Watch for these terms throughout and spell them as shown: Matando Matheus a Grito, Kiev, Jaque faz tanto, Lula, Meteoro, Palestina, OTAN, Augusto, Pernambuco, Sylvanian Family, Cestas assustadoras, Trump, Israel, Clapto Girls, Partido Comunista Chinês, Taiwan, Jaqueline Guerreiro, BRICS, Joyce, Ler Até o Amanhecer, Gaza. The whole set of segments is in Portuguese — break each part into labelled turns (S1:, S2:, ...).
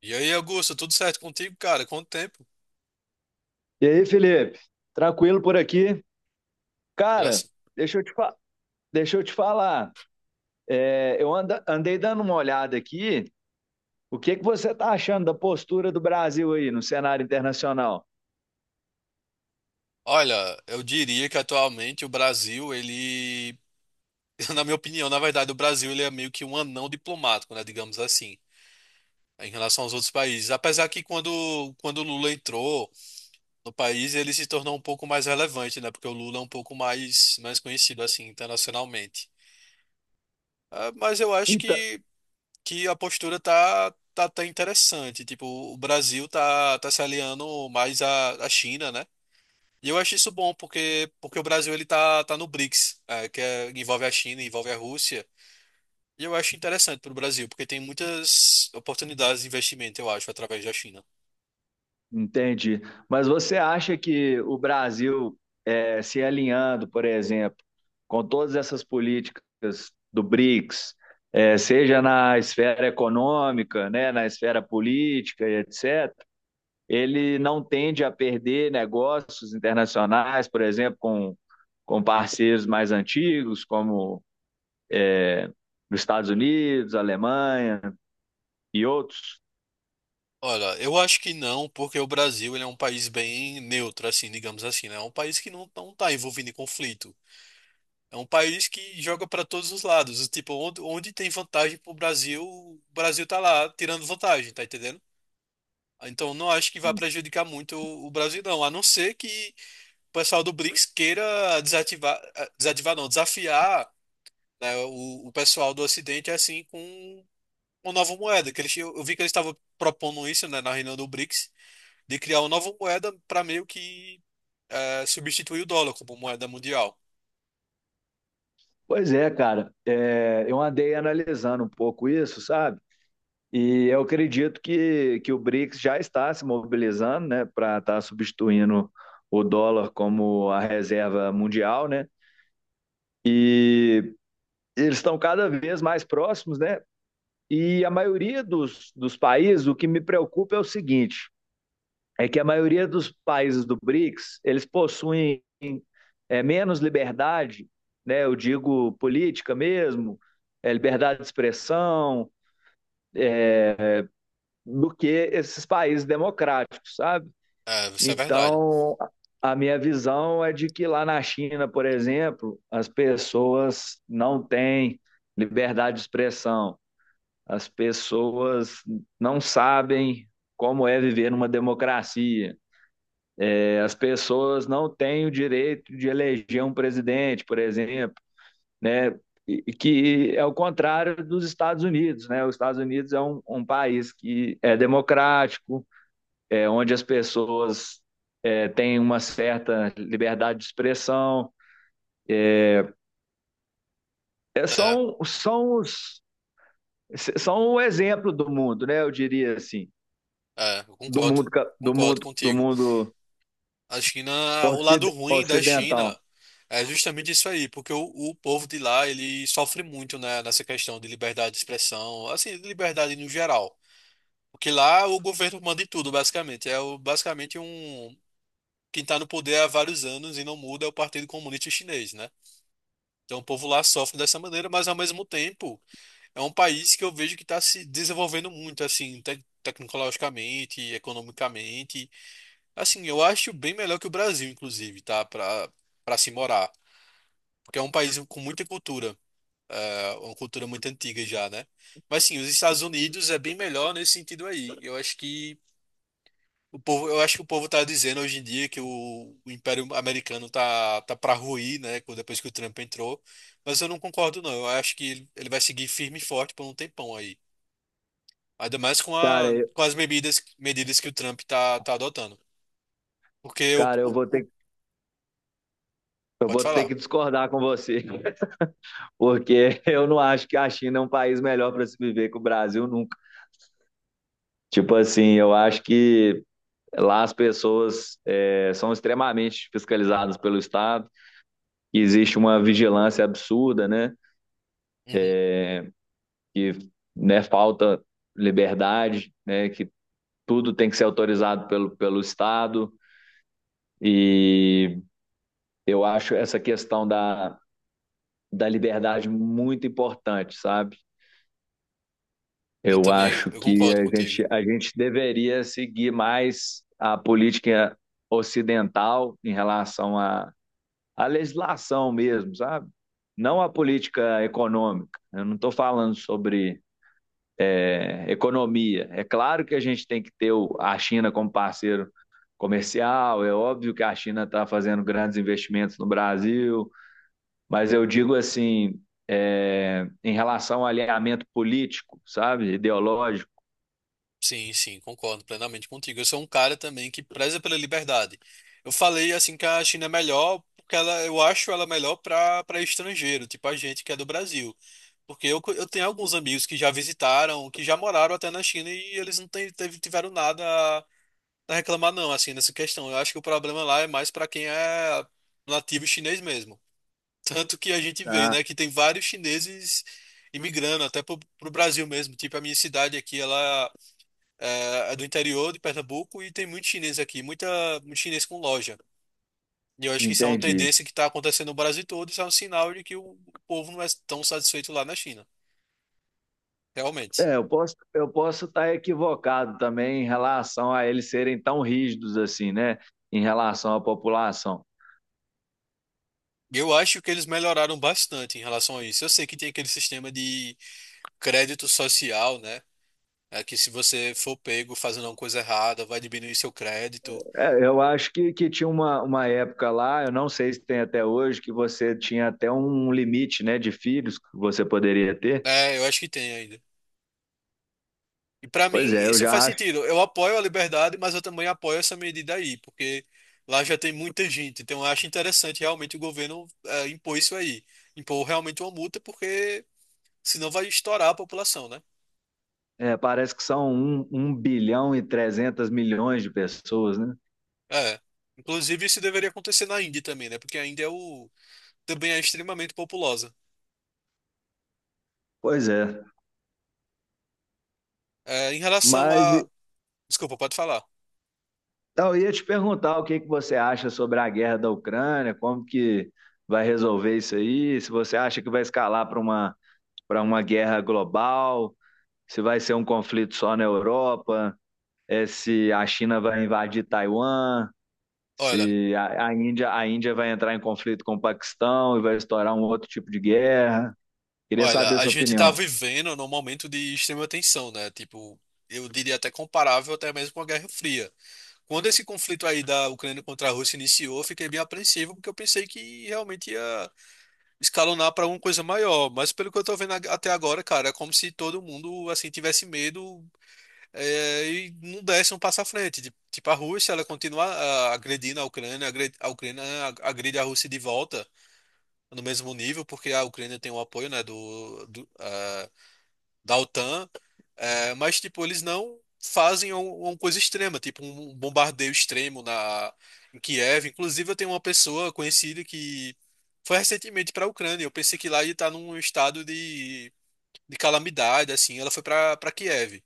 S1: E aí, Augusto, tudo certo contigo, cara? Quanto tempo?
S2: E aí, Felipe? Tranquilo por aqui? Cara,
S1: Graças.
S2: deixa eu te, fa- deixa eu te falar. Andei dando uma olhada aqui. O que que você está achando da postura do Brasil aí no cenário internacional?
S1: Olha, eu diria que atualmente o Brasil, ele, na minha opinião, na verdade, o Brasil ele é meio que um anão diplomático, né, digamos assim, em relação aos outros países. Apesar que quando o Lula entrou no país, ele se tornou um pouco mais relevante, né, porque o Lula é um pouco mais conhecido assim internacionalmente. Ah, mas eu acho
S2: Então,
S1: que a postura tá interessante. Tipo, o Brasil tá se aliando mais à China, né? E eu acho isso bom, porque o Brasil ele tá no BRICS, é, envolve a China, envolve a Rússia. E eu acho interessante para o Brasil, porque tem muitas oportunidades de investimento, eu acho, através da China.
S2: entendi. Mas você acha que o Brasil se alinhando, por exemplo, com todas essas políticas do BRICS, seja na esfera econômica, né, na esfera política e etc., ele não tende a perder negócios internacionais, por exemplo, com parceiros mais antigos, como os Estados Unidos, Alemanha e outros.
S1: Olha, eu acho que não, porque o Brasil ele é um país bem neutro, assim, digamos assim, né? É um país que não tá envolvido em conflito. É um país que joga para todos os lados. Tipo, onde tem vantagem pro Brasil, o Brasil tá lá tirando vantagem, tá entendendo? Então, não acho que vai prejudicar muito o Brasil, não. A não ser que o pessoal do Blitz queira desativar, desativar não, desafiar, né, o pessoal do Ocidente assim com uma nova moeda, que eles, eu vi que eles estavam propondo isso, né, na reunião do BRICS, de criar uma nova moeda para meio que substituir o dólar como moeda mundial.
S2: Pois é, cara. Eu andei analisando um pouco isso, sabe? E eu acredito que o BRICS já está se mobilizando, né, para estar tá substituindo o dólar como a reserva mundial, né? E eles estão cada vez mais próximos, né? E a maioria dos países, o que me preocupa é o seguinte: é que a maioria dos países do BRICS eles possuem menos liberdade, né? Eu digo política mesmo, liberdade de expressão, do que esses países democráticos, sabe?
S1: É, isso é verdade.
S2: Então, a minha visão é de que lá na China, por exemplo, as pessoas não têm liberdade de expressão. As pessoas não sabem como é viver numa democracia. As pessoas não têm o direito de eleger um presidente, por exemplo, né? E que é o contrário dos Estados Unidos, né? Os Estados Unidos é um país que é democrático, é onde as pessoas têm uma certa liberdade de expressão. É,
S1: É,
S2: são, são, os, São o exemplo do mundo, né? Eu diria assim,
S1: é, eu
S2: do mundo,
S1: concordo,
S2: do
S1: concordo
S2: mundo, do
S1: contigo.
S2: mundo
S1: A China, o lado ruim da China
S2: Ocidental.
S1: é justamente isso aí, porque o povo de lá, ele sofre muito, né, nessa questão de liberdade de expressão, assim, de liberdade no geral. Porque lá o governo manda em tudo, basicamente. Basicamente um. Quem está no poder há vários anos e não muda é o Partido Comunista Chinês, né? Então o povo lá sofre dessa maneira, mas ao mesmo tempo é um país que eu vejo que está se desenvolvendo muito, assim, te tecnologicamente, economicamente. Assim, eu acho bem melhor que o Brasil, inclusive, tá? Para se morar. Porque é um país com muita cultura, é uma cultura muito antiga já, né? Mas sim, os Estados Unidos é bem melhor nesse sentido aí. Eu acho que o povo, eu acho que o povo tá dizendo hoje em dia que o Império Americano tá para ruir, né? Depois que o Trump entrou. Mas eu não concordo, não. Eu acho que ele vai seguir firme e forte por um tempão aí. Ainda mais com,
S2: Cara,
S1: a,
S2: eu,
S1: com as medidas que o Trump tá adotando. Porque
S2: cara, eu
S1: Pode
S2: vou ter
S1: falar.
S2: que discordar com você, porque eu não acho que a China é um país melhor para se viver que o Brasil nunca. Tipo assim, eu acho que lá as pessoas são extremamente fiscalizadas pelo Estado, e existe uma vigilância absurda, né?
S1: Uhum.
S2: Que né, falta liberdade, né? Que tudo tem que ser autorizado pelo Estado. E eu acho essa questão da liberdade muito importante, sabe?
S1: Eu
S2: Eu
S1: também,
S2: acho
S1: eu
S2: que
S1: concordo contigo.
S2: a gente deveria seguir mais a política ocidental em relação à, à legislação mesmo, sabe? Não a política econômica. Eu não estou falando sobre economia. É claro que a gente tem que ter a China como parceiro comercial, é óbvio que a China está fazendo grandes investimentos no Brasil. Mas eu digo assim, em relação ao alinhamento político, sabe? Ideológico.
S1: Sim, sim, concordo plenamente contigo. Eu sou um cara também que preza pela liberdade. Eu falei assim que a China é melhor porque ela, eu acho ela melhor para estrangeiro, tipo a gente que é do Brasil. Porque eu tenho alguns amigos que já visitaram, que já moraram até na China e eles não tiveram nada a a reclamar, não, assim, nessa questão. Eu acho que o problema lá é mais para quem é nativo chinês mesmo. Tanto que a gente vê,
S2: Tá?
S1: né, que tem vários chineses imigrando até pro Brasil mesmo. Tipo, a minha cidade aqui, ela é do interior de Pernambuco e tem muito chinês aqui, muito chinês com loja. E eu acho que isso é uma
S2: Entendi.
S1: tendência que está acontecendo no Brasil todo, isso é um sinal de que o povo não é tão satisfeito lá na China, realmente.
S2: Eu posso estar equivocado também em relação a eles serem tão rígidos assim, né? Em relação à população.
S1: Eu acho que eles melhoraram bastante em relação a isso. Eu sei que tem aquele sistema de crédito social, né? É que se você for pego fazendo alguma coisa errada, vai diminuir seu crédito.
S2: Eu acho que tinha uma época lá, eu não sei se tem até hoje, que você tinha até um limite, né, de filhos que você poderia ter.
S1: É, eu acho que tem ainda. E pra mim
S2: Pois é, eu
S1: isso
S2: já
S1: faz
S2: acho.
S1: sentido. Eu apoio a liberdade, mas eu também apoio essa medida aí, porque lá já tem muita gente. Então eu acho interessante realmente o governo impor isso aí. Impor realmente uma multa, porque senão vai estourar a população, né?
S2: Parece que são um bilhão e 300 milhões de pessoas, né?
S1: É. Inclusive isso deveria acontecer na Índia também, né? Porque a Índia é o também é extremamente populosa.
S2: Pois é.
S1: É, em relação
S2: Mas
S1: a. Desculpa, pode falar.
S2: então, eu ia te perguntar o que que você acha sobre a guerra da Ucrânia, como que vai resolver isso aí, se você acha que vai escalar para uma guerra global, se vai ser um conflito só na Europa, se a China vai invadir Taiwan,
S1: Olha,
S2: se a Índia, a Índia vai entrar em conflito com o Paquistão e vai estourar um outro tipo de guerra. Queria
S1: olha,
S2: saber a
S1: a
S2: sua
S1: gente tá
S2: opinião.
S1: vivendo num momento de extrema tensão, né? Tipo, eu diria até comparável até mesmo com a Guerra Fria. Quando esse conflito aí da Ucrânia contra a Rússia iniciou, eu fiquei bem apreensivo porque eu pensei que realmente ia escalonar para alguma coisa maior. Mas pelo que eu tô vendo até agora, cara, é como se todo mundo assim tivesse medo e não desce um passo à frente. Tipo, a Rússia, ela continua agredindo a Ucrânia, a Ucrânia agride a Rússia de volta no mesmo nível, porque a Ucrânia tem o apoio, né, do da OTAN, mas, tipo, eles não fazem uma coisa extrema, tipo um bombardeio extremo na, em Kiev. Inclusive, eu tenho uma pessoa conhecida que foi recentemente para a Ucrânia. Eu pensei que lá ia estar num estado de calamidade, assim. Ela foi para Kiev.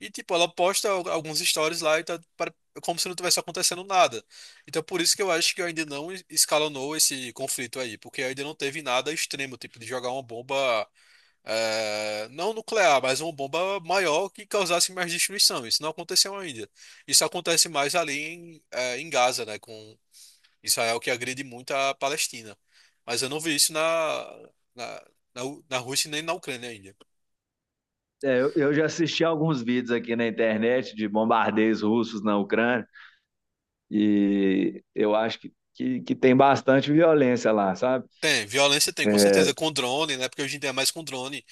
S1: E, tipo, ela posta alguns stories lá e tá como se não tivesse acontecendo nada. Então, por isso que eu acho que ainda não escalonou esse conflito aí, porque ainda não teve nada extremo, tipo, de jogar uma bomba, não nuclear, mas uma bomba maior que causasse mais destruição. Isso não aconteceu ainda. Isso acontece mais ali em, em Gaza, né, com Israel que agride muito a Palestina. Mas eu não vi isso na, na na Rússia nem na Ucrânia ainda.
S2: Eu já assisti alguns vídeos aqui na internet de bombardeios russos na Ucrânia. E eu acho que tem bastante violência lá, sabe?
S1: Tem, violência tem,
S2: É,
S1: com certeza, com drone, né? Porque hoje em dia é mais com drone.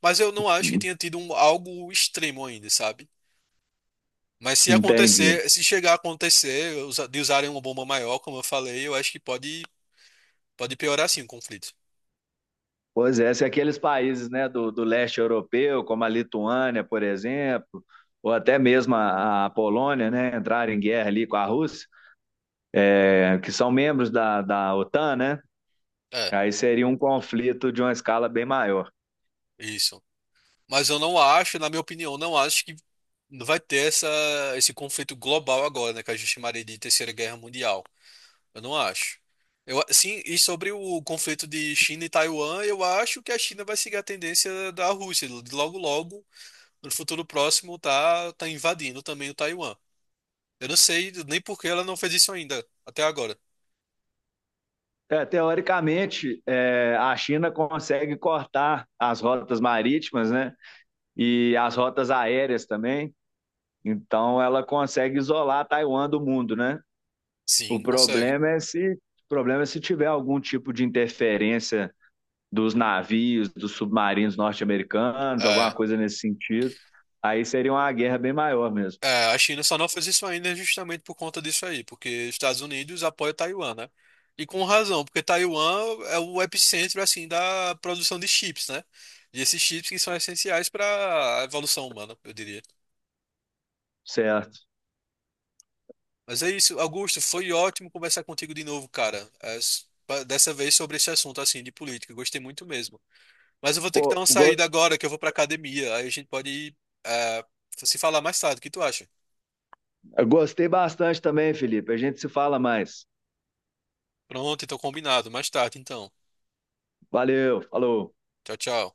S1: Mas eu não acho que tenha tido algo extremo ainda, sabe? Mas se
S2: entendi.
S1: acontecer, se chegar a acontecer de usarem uma bomba maior, como eu falei, eu acho que pode, pode piorar sim o conflito.
S2: Pois é, se aqueles países, né, do leste europeu, como a Lituânia, por exemplo, ou até mesmo a Polônia, né, entrarem em guerra ali com a Rússia, que são membros da OTAN, né?
S1: É,
S2: Aí seria um conflito de uma escala bem maior.
S1: isso. Mas eu não acho, na minha opinião, não acho que vai ter essa, esse conflito global agora, né? Que a gente chamaria de Terceira Guerra Mundial. Eu não acho. Eu, sim, e sobre o conflito de China e Taiwan, eu acho que a China vai seguir a tendência da Rússia, de logo logo, no futuro próximo, tá invadindo também o Taiwan. Eu não sei nem por que ela não fez isso ainda, até agora.
S2: É, teoricamente, é, a China consegue cortar as rotas marítimas, né? E as rotas aéreas também, então ela consegue isolar Taiwan do mundo, né?
S1: Sim, consegue.
S2: O problema é se tiver algum tipo de interferência dos navios, dos submarinos norte-americanos, alguma
S1: É,
S2: coisa nesse sentido. Aí seria uma guerra bem maior mesmo,
S1: é, a China só não fez isso ainda justamente por conta disso aí, porque os Estados Unidos apoiam Taiwan, né? E com razão, porque Taiwan é o epicentro, assim, da produção de chips, né? E esses chips que são essenciais para a evolução humana, eu diria.
S2: certo?
S1: Mas é isso, Augusto, foi ótimo conversar contigo de novo, cara. É, dessa vez sobre esse assunto assim de política, gostei muito mesmo. Mas eu vou ter que dar
S2: Pô,
S1: uma
S2: go-
S1: saída agora, que eu vou pra academia. Aí a gente pode é, se falar mais tarde. O que tu acha?
S2: gostei bastante também, Felipe. A gente se fala mais.
S1: Pronto, então combinado. Mais tarde, então.
S2: Valeu, falou.
S1: Tchau, tchau.